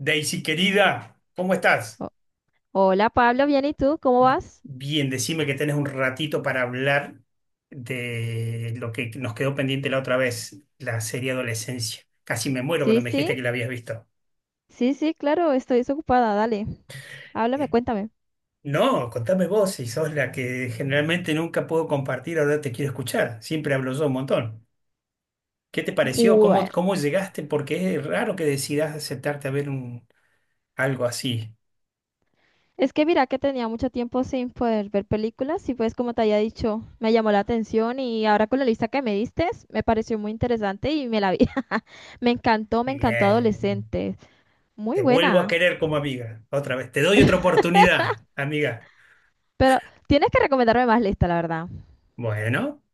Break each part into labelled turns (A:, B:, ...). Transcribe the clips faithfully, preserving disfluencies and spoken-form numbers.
A: Daisy, querida, ¿cómo estás?
B: O- Hola Pablo, bien, ¿y tú? ¿Cómo vas?
A: Bien, decime que tenés un ratito para hablar de lo que nos quedó pendiente la otra vez, la serie Adolescencia. Casi me muero cuando
B: Sí,
A: me
B: sí,
A: dijiste que la habías visto.
B: sí, sí, claro, estoy desocupada, dale, háblame, cuéntame.
A: No, contame vos, si sos la que generalmente nunca puedo compartir, ahora te quiero escuchar. Siempre hablo yo un montón. ¿Qué te pareció? ¿Cómo,
B: Bueno,
A: cómo llegaste? Porque es raro que decidas aceptarte a ver un, algo así.
B: es que mira que tenía mucho tiempo sin poder ver películas y pues como te había dicho, me llamó la atención y ahora con la lista que me diste, me pareció muy interesante y me la vi. Me encantó, me encantó
A: Bien,
B: Adolescente, muy
A: te vuelvo a
B: buena,
A: querer como amiga, otra vez. Te doy otra oportunidad, amiga.
B: pero tienes que recomendarme más lista, la verdad.
A: Bueno,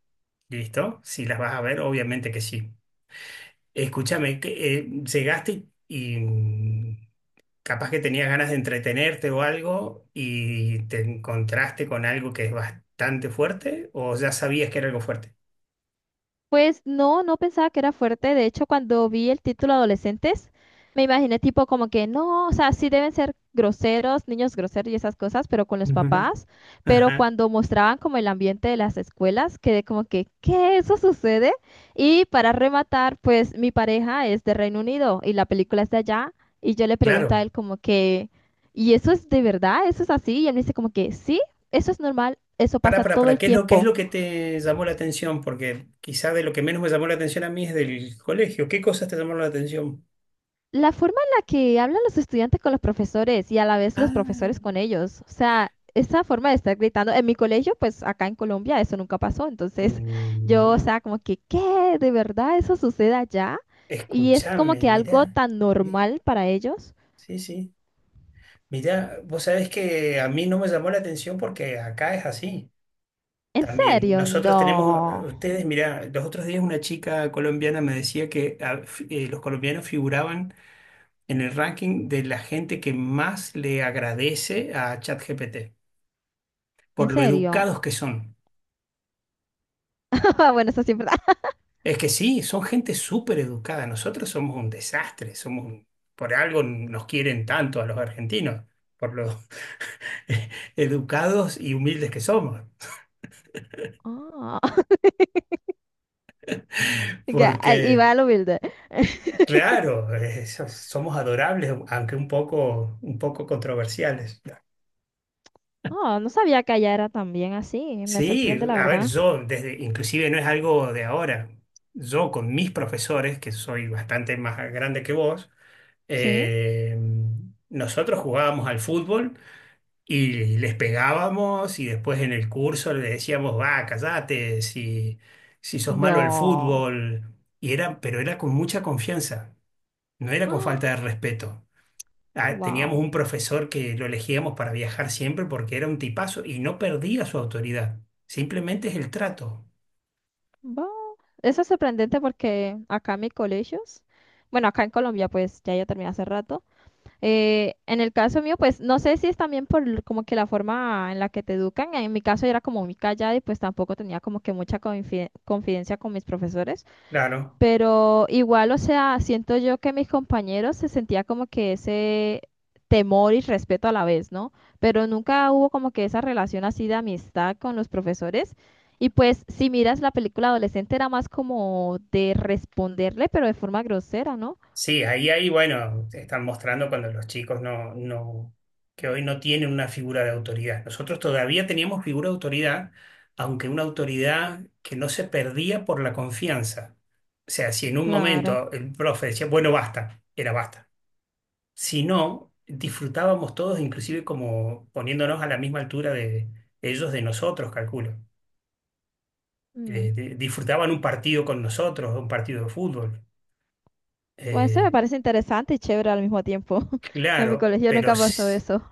A: listo. Si las vas a ver, obviamente que sí. Escúchame, que, eh, llegaste y, y capaz que tenías ganas de entretenerte o algo y te encontraste con algo que es bastante fuerte o ya sabías que era algo fuerte.
B: Pues no, no pensaba que era fuerte. De hecho, cuando vi el título Adolescentes, me imaginé tipo como que no, o sea, sí deben ser groseros, niños groseros y esas cosas, pero con los
A: Ujú.
B: papás. Pero
A: Ajá,
B: cuando mostraban como el ambiente de las escuelas, quedé como que, ¿qué? ¿Eso sucede? Y para rematar, pues mi pareja es de Reino Unido y la película es de allá. Y yo le pregunto a
A: claro.
B: él como que, ¿y eso es de verdad? ¿Eso es así? Y él me dice como que sí, eso es normal, eso
A: Para,
B: pasa
A: para,
B: todo
A: para,
B: el
A: ¿qué es lo, qué es lo
B: tiempo.
A: que te llamó la atención? Porque quizá de lo que menos me llamó la atención a mí es del colegio. ¿Qué cosas te llamaron la atención?
B: La forma en la que hablan los estudiantes con los profesores y a la vez los
A: Ah,
B: profesores con ellos. O sea, esa forma de estar gritando. En mi colegio, pues acá en Colombia, eso nunca pasó. Entonces, yo, o
A: mm,
B: sea, como que, ¿qué? ¿De verdad eso sucede allá? Y es como
A: escúchame,
B: que algo
A: mira.
B: tan normal para ellos.
A: Sí, sí. Mira, vos sabés que a mí no me llamó la atención porque acá es así
B: ¿En
A: también.
B: serio?
A: Nosotros tenemos,
B: No.
A: ustedes, mira, los otros días una chica colombiana me decía que ah, fi- eh, los colombianos figuraban en el ranking de la gente que más le agradece a ChatGPT
B: ¿En
A: por lo
B: serio?
A: educados que son.
B: Bueno, eso sí es verdad.
A: Es que sí, son gente súper educada. Nosotros somos un desastre, somos un- por algo nos quieren tanto a los argentinos, por lo educados y humildes que somos.
B: Ah, ya, ahí- y
A: Porque
B: va lo humilde.
A: Claro, eh, so- somos adorables, aunque un poco, un poco controversiales.
B: Ah, no sabía que allá era también así. Me
A: Sí,
B: sorprende, la
A: a ver,
B: verdad.
A: yo desde, inclusive no es algo de ahora. Yo con mis profesores, que soy bastante más grande que vos,
B: ¿Sí?
A: eh, nosotros jugábamos al fútbol y les pegábamos y después en el curso le decíamos, va, callate, si, si sos malo al
B: No.
A: fútbol. Y era, pero era con mucha confianza, no era con falta de respeto. Ah, teníamos
B: Wow.
A: un profesor que lo elegíamos para viajar siempre porque era un tipazo y no perdía su autoridad. Simplemente es el trato.
B: Va. Eso es sorprendente porque acá en mis colegios, bueno, acá en Colombia, pues ya yo terminé hace rato. Eh, en el caso mío, pues no sé si es también por l- como que la forma en la que te educan. En mi caso yo era como muy callada y pues tampoco tenía como que mucha confi- confidencia con mis profesores.
A: Claro.
B: Pero igual, o sea, siento yo que mis compañeros se sentía como que ese temor y respeto a la vez, ¿no? Pero nunca hubo como que esa relación así de amistad con los profesores. Y pues, si miras la película adolescente, era más como de responderle, pero de forma grosera, ¿no?
A: Sí, ahí, ahí, bueno, te están mostrando cuando los chicos no, no, que hoy no tienen una figura de autoridad. Nosotros todavía teníamos figura de autoridad, aunque una autoridad que no se perdía por la confianza. O sea, si en un
B: Claro.
A: momento el profe decía, bueno, basta, era basta. Si no, disfrutábamos todos, inclusive como poniéndonos a la misma altura de ellos, de nosotros, calculo. Eh,
B: Mm.
A: de- disfrutaban un partido con nosotros, un partido de fútbol.
B: Bueno, eso me
A: Eh,
B: parece interesante y chévere al mismo tiempo. En mi
A: claro,
B: colegio
A: pero
B: nunca pasó
A: s-
B: eso.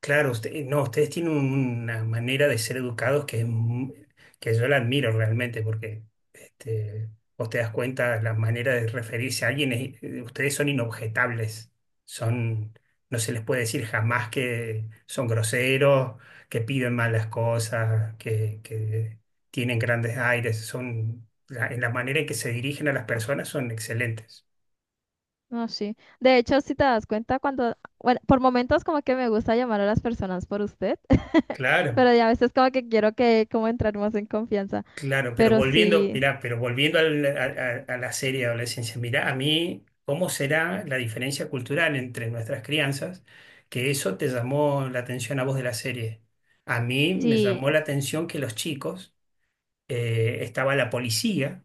A: claro, usted- no, ustedes tienen una manera de ser educados que, es mu- que yo la admiro realmente, porque este, vos te das cuenta, la manera de referirse a alguien, es- eh, ustedes son inobjetables, son, no se les puede decir jamás que son groseros, que piden malas cosas, que, que tienen grandes aires, son, la- en la manera en que se dirigen a las personas son excelentes.
B: No, sí. De hecho, si te das cuenta, cuando, bueno, por momentos como que me gusta llamar a las personas por usted,
A: Claro.
B: pero ya a veces como que quiero que como entrar más en confianza.
A: Claro, pero
B: Pero
A: volviendo,
B: sí,
A: mirá, pero volviendo al- a, a- a la serie de adolescencia, mirá, a mí, ¿cómo será la diferencia cultural entre nuestras crianzas? Que eso te llamó la atención a vos de la serie. A mí me
B: sí,
A: llamó la atención que los chicos, eh, estaba la policía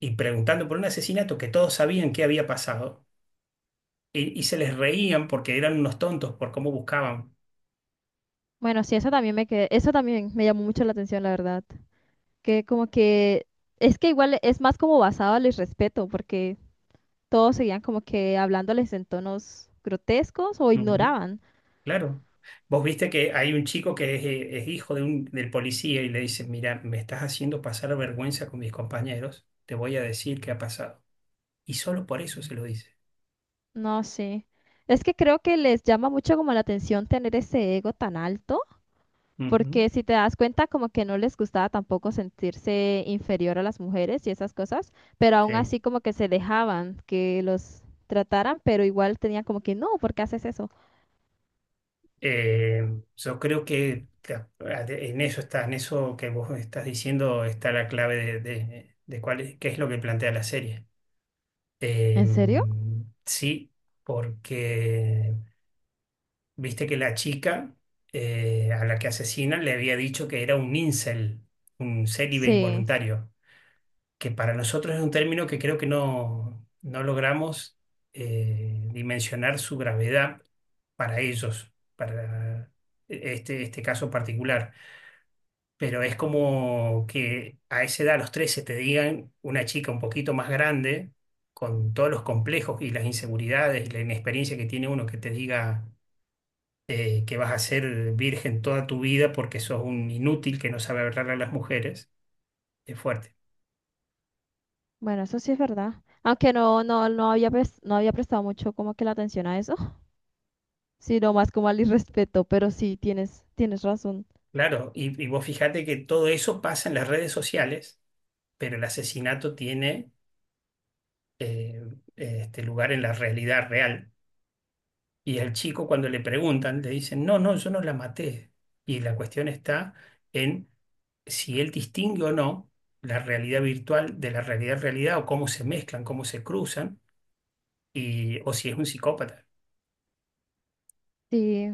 A: y preguntando por un asesinato que todos sabían que había pasado y, y se les reían porque eran unos tontos por cómo buscaban.
B: bueno, sí, eso también me que, eso también me llamó mucho la atención, la verdad. Que como que, es que igual es más como basado al irrespeto, porque todos seguían como que hablándoles en tonos grotescos o ignoraban.
A: Claro. Vos viste que hay un chico que es, eh, es hijo de un, del policía y le dice, mira, me estás haciendo pasar vergüenza con mis compañeros, te voy a decir qué ha pasado. Y solo por eso se lo dice.
B: No sí. Es que creo que les llama mucho como la atención tener ese ego tan alto.
A: Ujú.
B: Porque si te das cuenta, como que no les gustaba tampoco sentirse inferior a las mujeres y esas cosas, pero aún
A: Sí.
B: así como que se dejaban que los trataran, pero igual tenían como que, no, ¿por qué haces eso?
A: Eh, yo creo que la- en eso está, en eso que vos estás diciendo está la clave de, de- de cuál es, qué es lo que plantea la serie. Eh,
B: ¿En serio?
A: sí, porque viste que la chica eh, a la que asesinan le había dicho que era un incel, un célibe
B: Sí,
A: involuntario, que para nosotros es un término que creo que no, no logramos eh, dimensionar su gravedad para ellos, para este, este caso particular. Pero es como que a esa edad, a los trece te digan una chica un poquito más grande, con todos los complejos y las inseguridades y la inexperiencia que tiene uno, que te diga eh, que vas a ser virgen toda tu vida porque sos un inútil que no sabe hablarle a las mujeres, es fuerte.
B: bueno, eso sí es verdad. Aunque no, no, no había, pres- no había prestado mucho como que la atención a eso, sino más como al irrespeto, pero sí, tienes, tienes razón.
A: Claro, y, y vos fíjate que todo eso pasa en las redes sociales, pero el asesinato tiene eh, este lugar en la realidad real. Y al chico cuando le preguntan, le dicen, no, no, yo no la maté. Y la cuestión está en si él distingue o no la realidad virtual de la realidad realidad o cómo se mezclan, cómo se cruzan, y, o si es un psicópata.
B: Sí,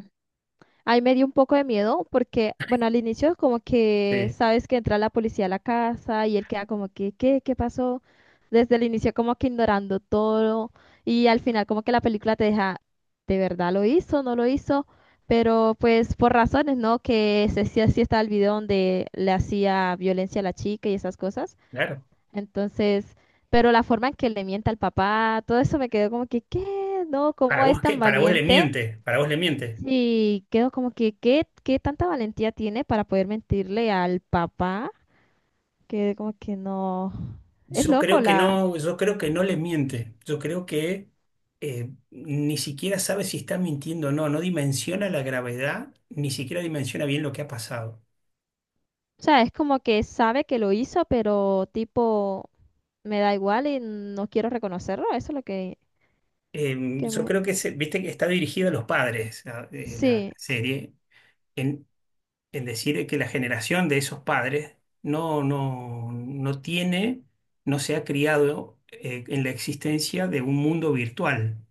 B: ahí me dio un poco de miedo porque, bueno, al inicio como que
A: Sí.
B: sabes que entra la policía a la casa y él queda como que, ¿qué? ¿Qué pasó? Desde el inicio como que ignorando todo y al final como que la película te deja, ¿de verdad lo hizo? ¿No lo hizo? Pero pues por razones, ¿no? Que se sí, sí estaba el video donde le hacía violencia a la chica y esas cosas.
A: Claro.
B: Entonces, pero la forma en que le miente al papá, todo eso me quedó como que, ¿qué? ¿No?
A: Para
B: ¿Cómo
A: vos
B: es
A: que,
B: tan
A: para vos le
B: valiente?
A: miente, para vos le miente.
B: Sí, quedo como que, ¿qué, qué tanta valentía tiene para poder mentirle al papá? Que como que no. Es
A: Yo
B: loco
A: creo que
B: la.
A: no, yo creo que no le miente. Yo creo que eh, ni siquiera sabe si está mintiendo o no, no dimensiona la gravedad, ni siquiera dimensiona bien lo que ha pasado.
B: O sea, es como que sabe que lo hizo, pero tipo, me da igual y no quiero reconocerlo. Eso es lo que,
A: Eh,
B: que
A: yo
B: me.
A: creo que se- viste que está dirigida a los padres, a- eh, la
B: Sí,
A: serie, en, en decir que la generación de esos padres no, no, no tiene, no se ha criado eh, en la existencia de un mundo virtual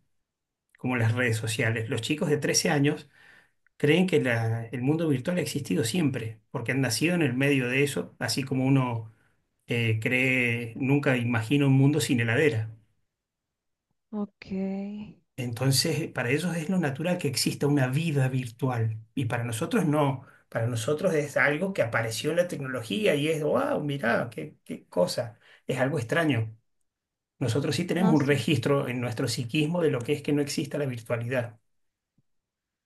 A: como las redes sociales. Los chicos de trece años creen que la- el mundo virtual ha existido siempre, porque han nacido en el medio de eso, así como uno eh, cree, nunca imagina un mundo sin heladera.
B: ok.
A: Entonces, para ellos es lo natural que exista una vida virtual y para nosotros no. Para nosotros es algo que apareció en la tecnología y es, wow, mirá, qué, qué cosa. Es algo extraño. Nosotros sí tenemos
B: No
A: un
B: sé.
A: registro en nuestro psiquismo de lo que es que no exista la virtualidad.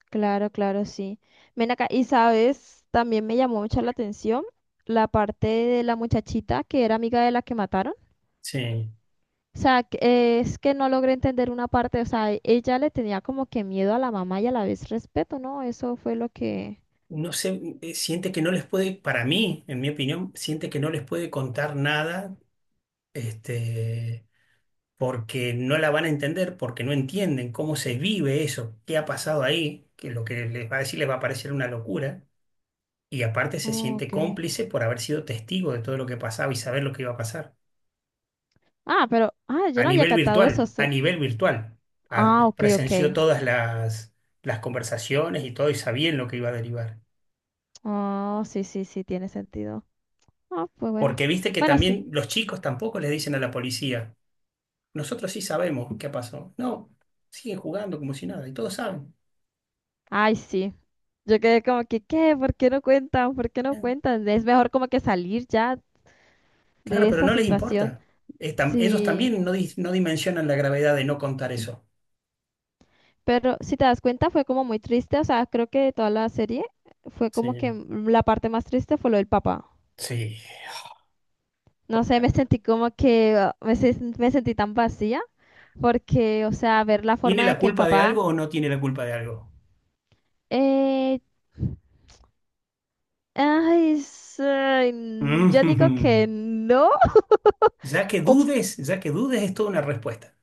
B: Claro, claro, sí. Ven acá. Y sabes, también me llamó mucho la atención la parte de la muchachita que era amiga de la que mataron.
A: Sí.
B: O sea, que- eh, es que no logré entender una parte, o sea, ella le tenía como que miedo a la mamá y a la vez respeto, ¿no? Eso fue lo que...
A: No sé, eh, siente que no les puede, para mí, en mi opinión, siente que no les puede contar nada, este, porque no la van a entender, porque no entienden cómo se vive eso, qué ha pasado ahí, que lo que les va a decir les va a parecer una locura, y aparte se
B: Oh,
A: siente
B: ok.
A: cómplice por haber sido testigo de todo lo que pasaba y saber lo que iba a pasar.
B: Ah, pero... Ah, yo
A: A
B: no había
A: nivel
B: cantado eso, o
A: virtual, a
B: sea...
A: nivel virtual, a-
B: Ah, ok, ok.
A: presenció todas las, las conversaciones y todo y sabían lo que iba a derivar.
B: Oh, sí, sí, sí, tiene sentido. Ah, pues bueno.
A: Porque viste que
B: Bueno, sí.
A: también los chicos tampoco les dicen a la policía. Nosotros sí sabemos qué pasó. No, siguen jugando como si nada y todos saben.
B: Ay, sí. Yo quedé como que, ¿qué? ¿Por qué no cuentan? ¿Por qué no
A: Eh,
B: cuentan? Es mejor como que salir ya
A: Claro,
B: de
A: pero
B: esa
A: no les
B: situación.
A: importa. Eh, tam- ellos
B: Sí.
A: también no, dis- no dimensionan la gravedad de no contar eso.
B: Pero si te das cuenta, fue como muy triste. O sea, creo que de toda la serie fue como
A: Sí.
B: que m- la parte más triste fue lo del papá.
A: Sí.
B: No sé, me sentí como que ah, me, se- me sentí tan vacía porque, o sea, ver la
A: ¿Tiene
B: forma de
A: la
B: que el
A: culpa de
B: papá...
A: algo o no tiene la culpa de algo?
B: eh, ay, es, ay, n- yo digo que
A: Mm.
B: no.
A: Ya que
B: Un,
A: dudes, ya que dudes es toda una respuesta.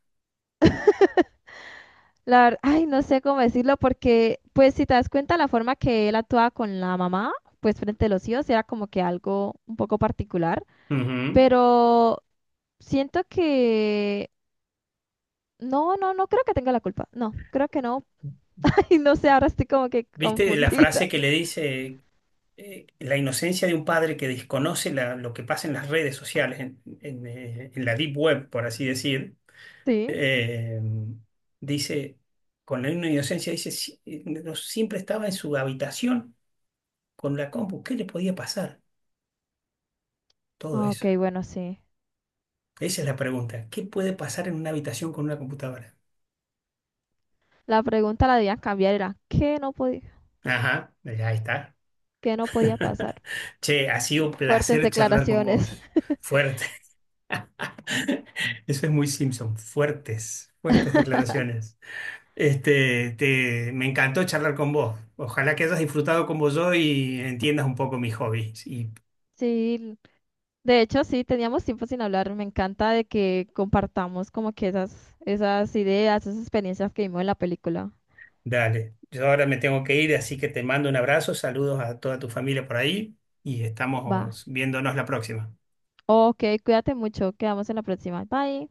B: la, ver- ay, no sé cómo decirlo porque, pues si te das cuenta, la forma que él actuaba con la mamá, pues frente a los hijos, era como que algo un poco particular.
A: Ujú.
B: Pero... Siento que... No, no, no creo que tenga la culpa. No, creo que no. Y no sé, ahora estoy como que
A: ¿Viste la
B: confundida.
A: frase que le dice eh, la inocencia de un padre que desconoce la- lo que pasa en las redes sociales, en, en, eh, en la deep web, por así decir?
B: Sí.
A: eh, dice, con la misma inocencia, dice, "Si- eh, no, siempre estaba en su habitación con la compu. ¿Qué le podía pasar? Todo
B: Ah, ok,
A: eso.
B: bueno, sí.
A: Esa es la pregunta. ¿Qué puede pasar en una habitación con una computadora?"
B: La pregunta la debían cambiar, era ¿qué no podía,
A: Ajá, ya está.
B: qué no podía pasar?
A: Che, ha sido un
B: Fuertes
A: placer charlar con
B: declaraciones.
A: vos. Fuerte. Eso es muy Simpson. Fuertes, fuertes declaraciones. Este, te- me encantó charlar con vos. Ojalá que hayas disfrutado como yo y entiendas un poco mis hobbies y
B: Sí, de hecho sí, teníamos tiempo sin hablar. Me encanta de que compartamos como que esas, esas ideas, esas experiencias que vimos en la película.
A: dale, yo ahora me tengo que ir, así que te mando un abrazo, saludos a toda tu familia por ahí y
B: Va.
A: estamos viéndonos la próxima.
B: Ok, cuídate mucho. Quedamos en la próxima. Bye.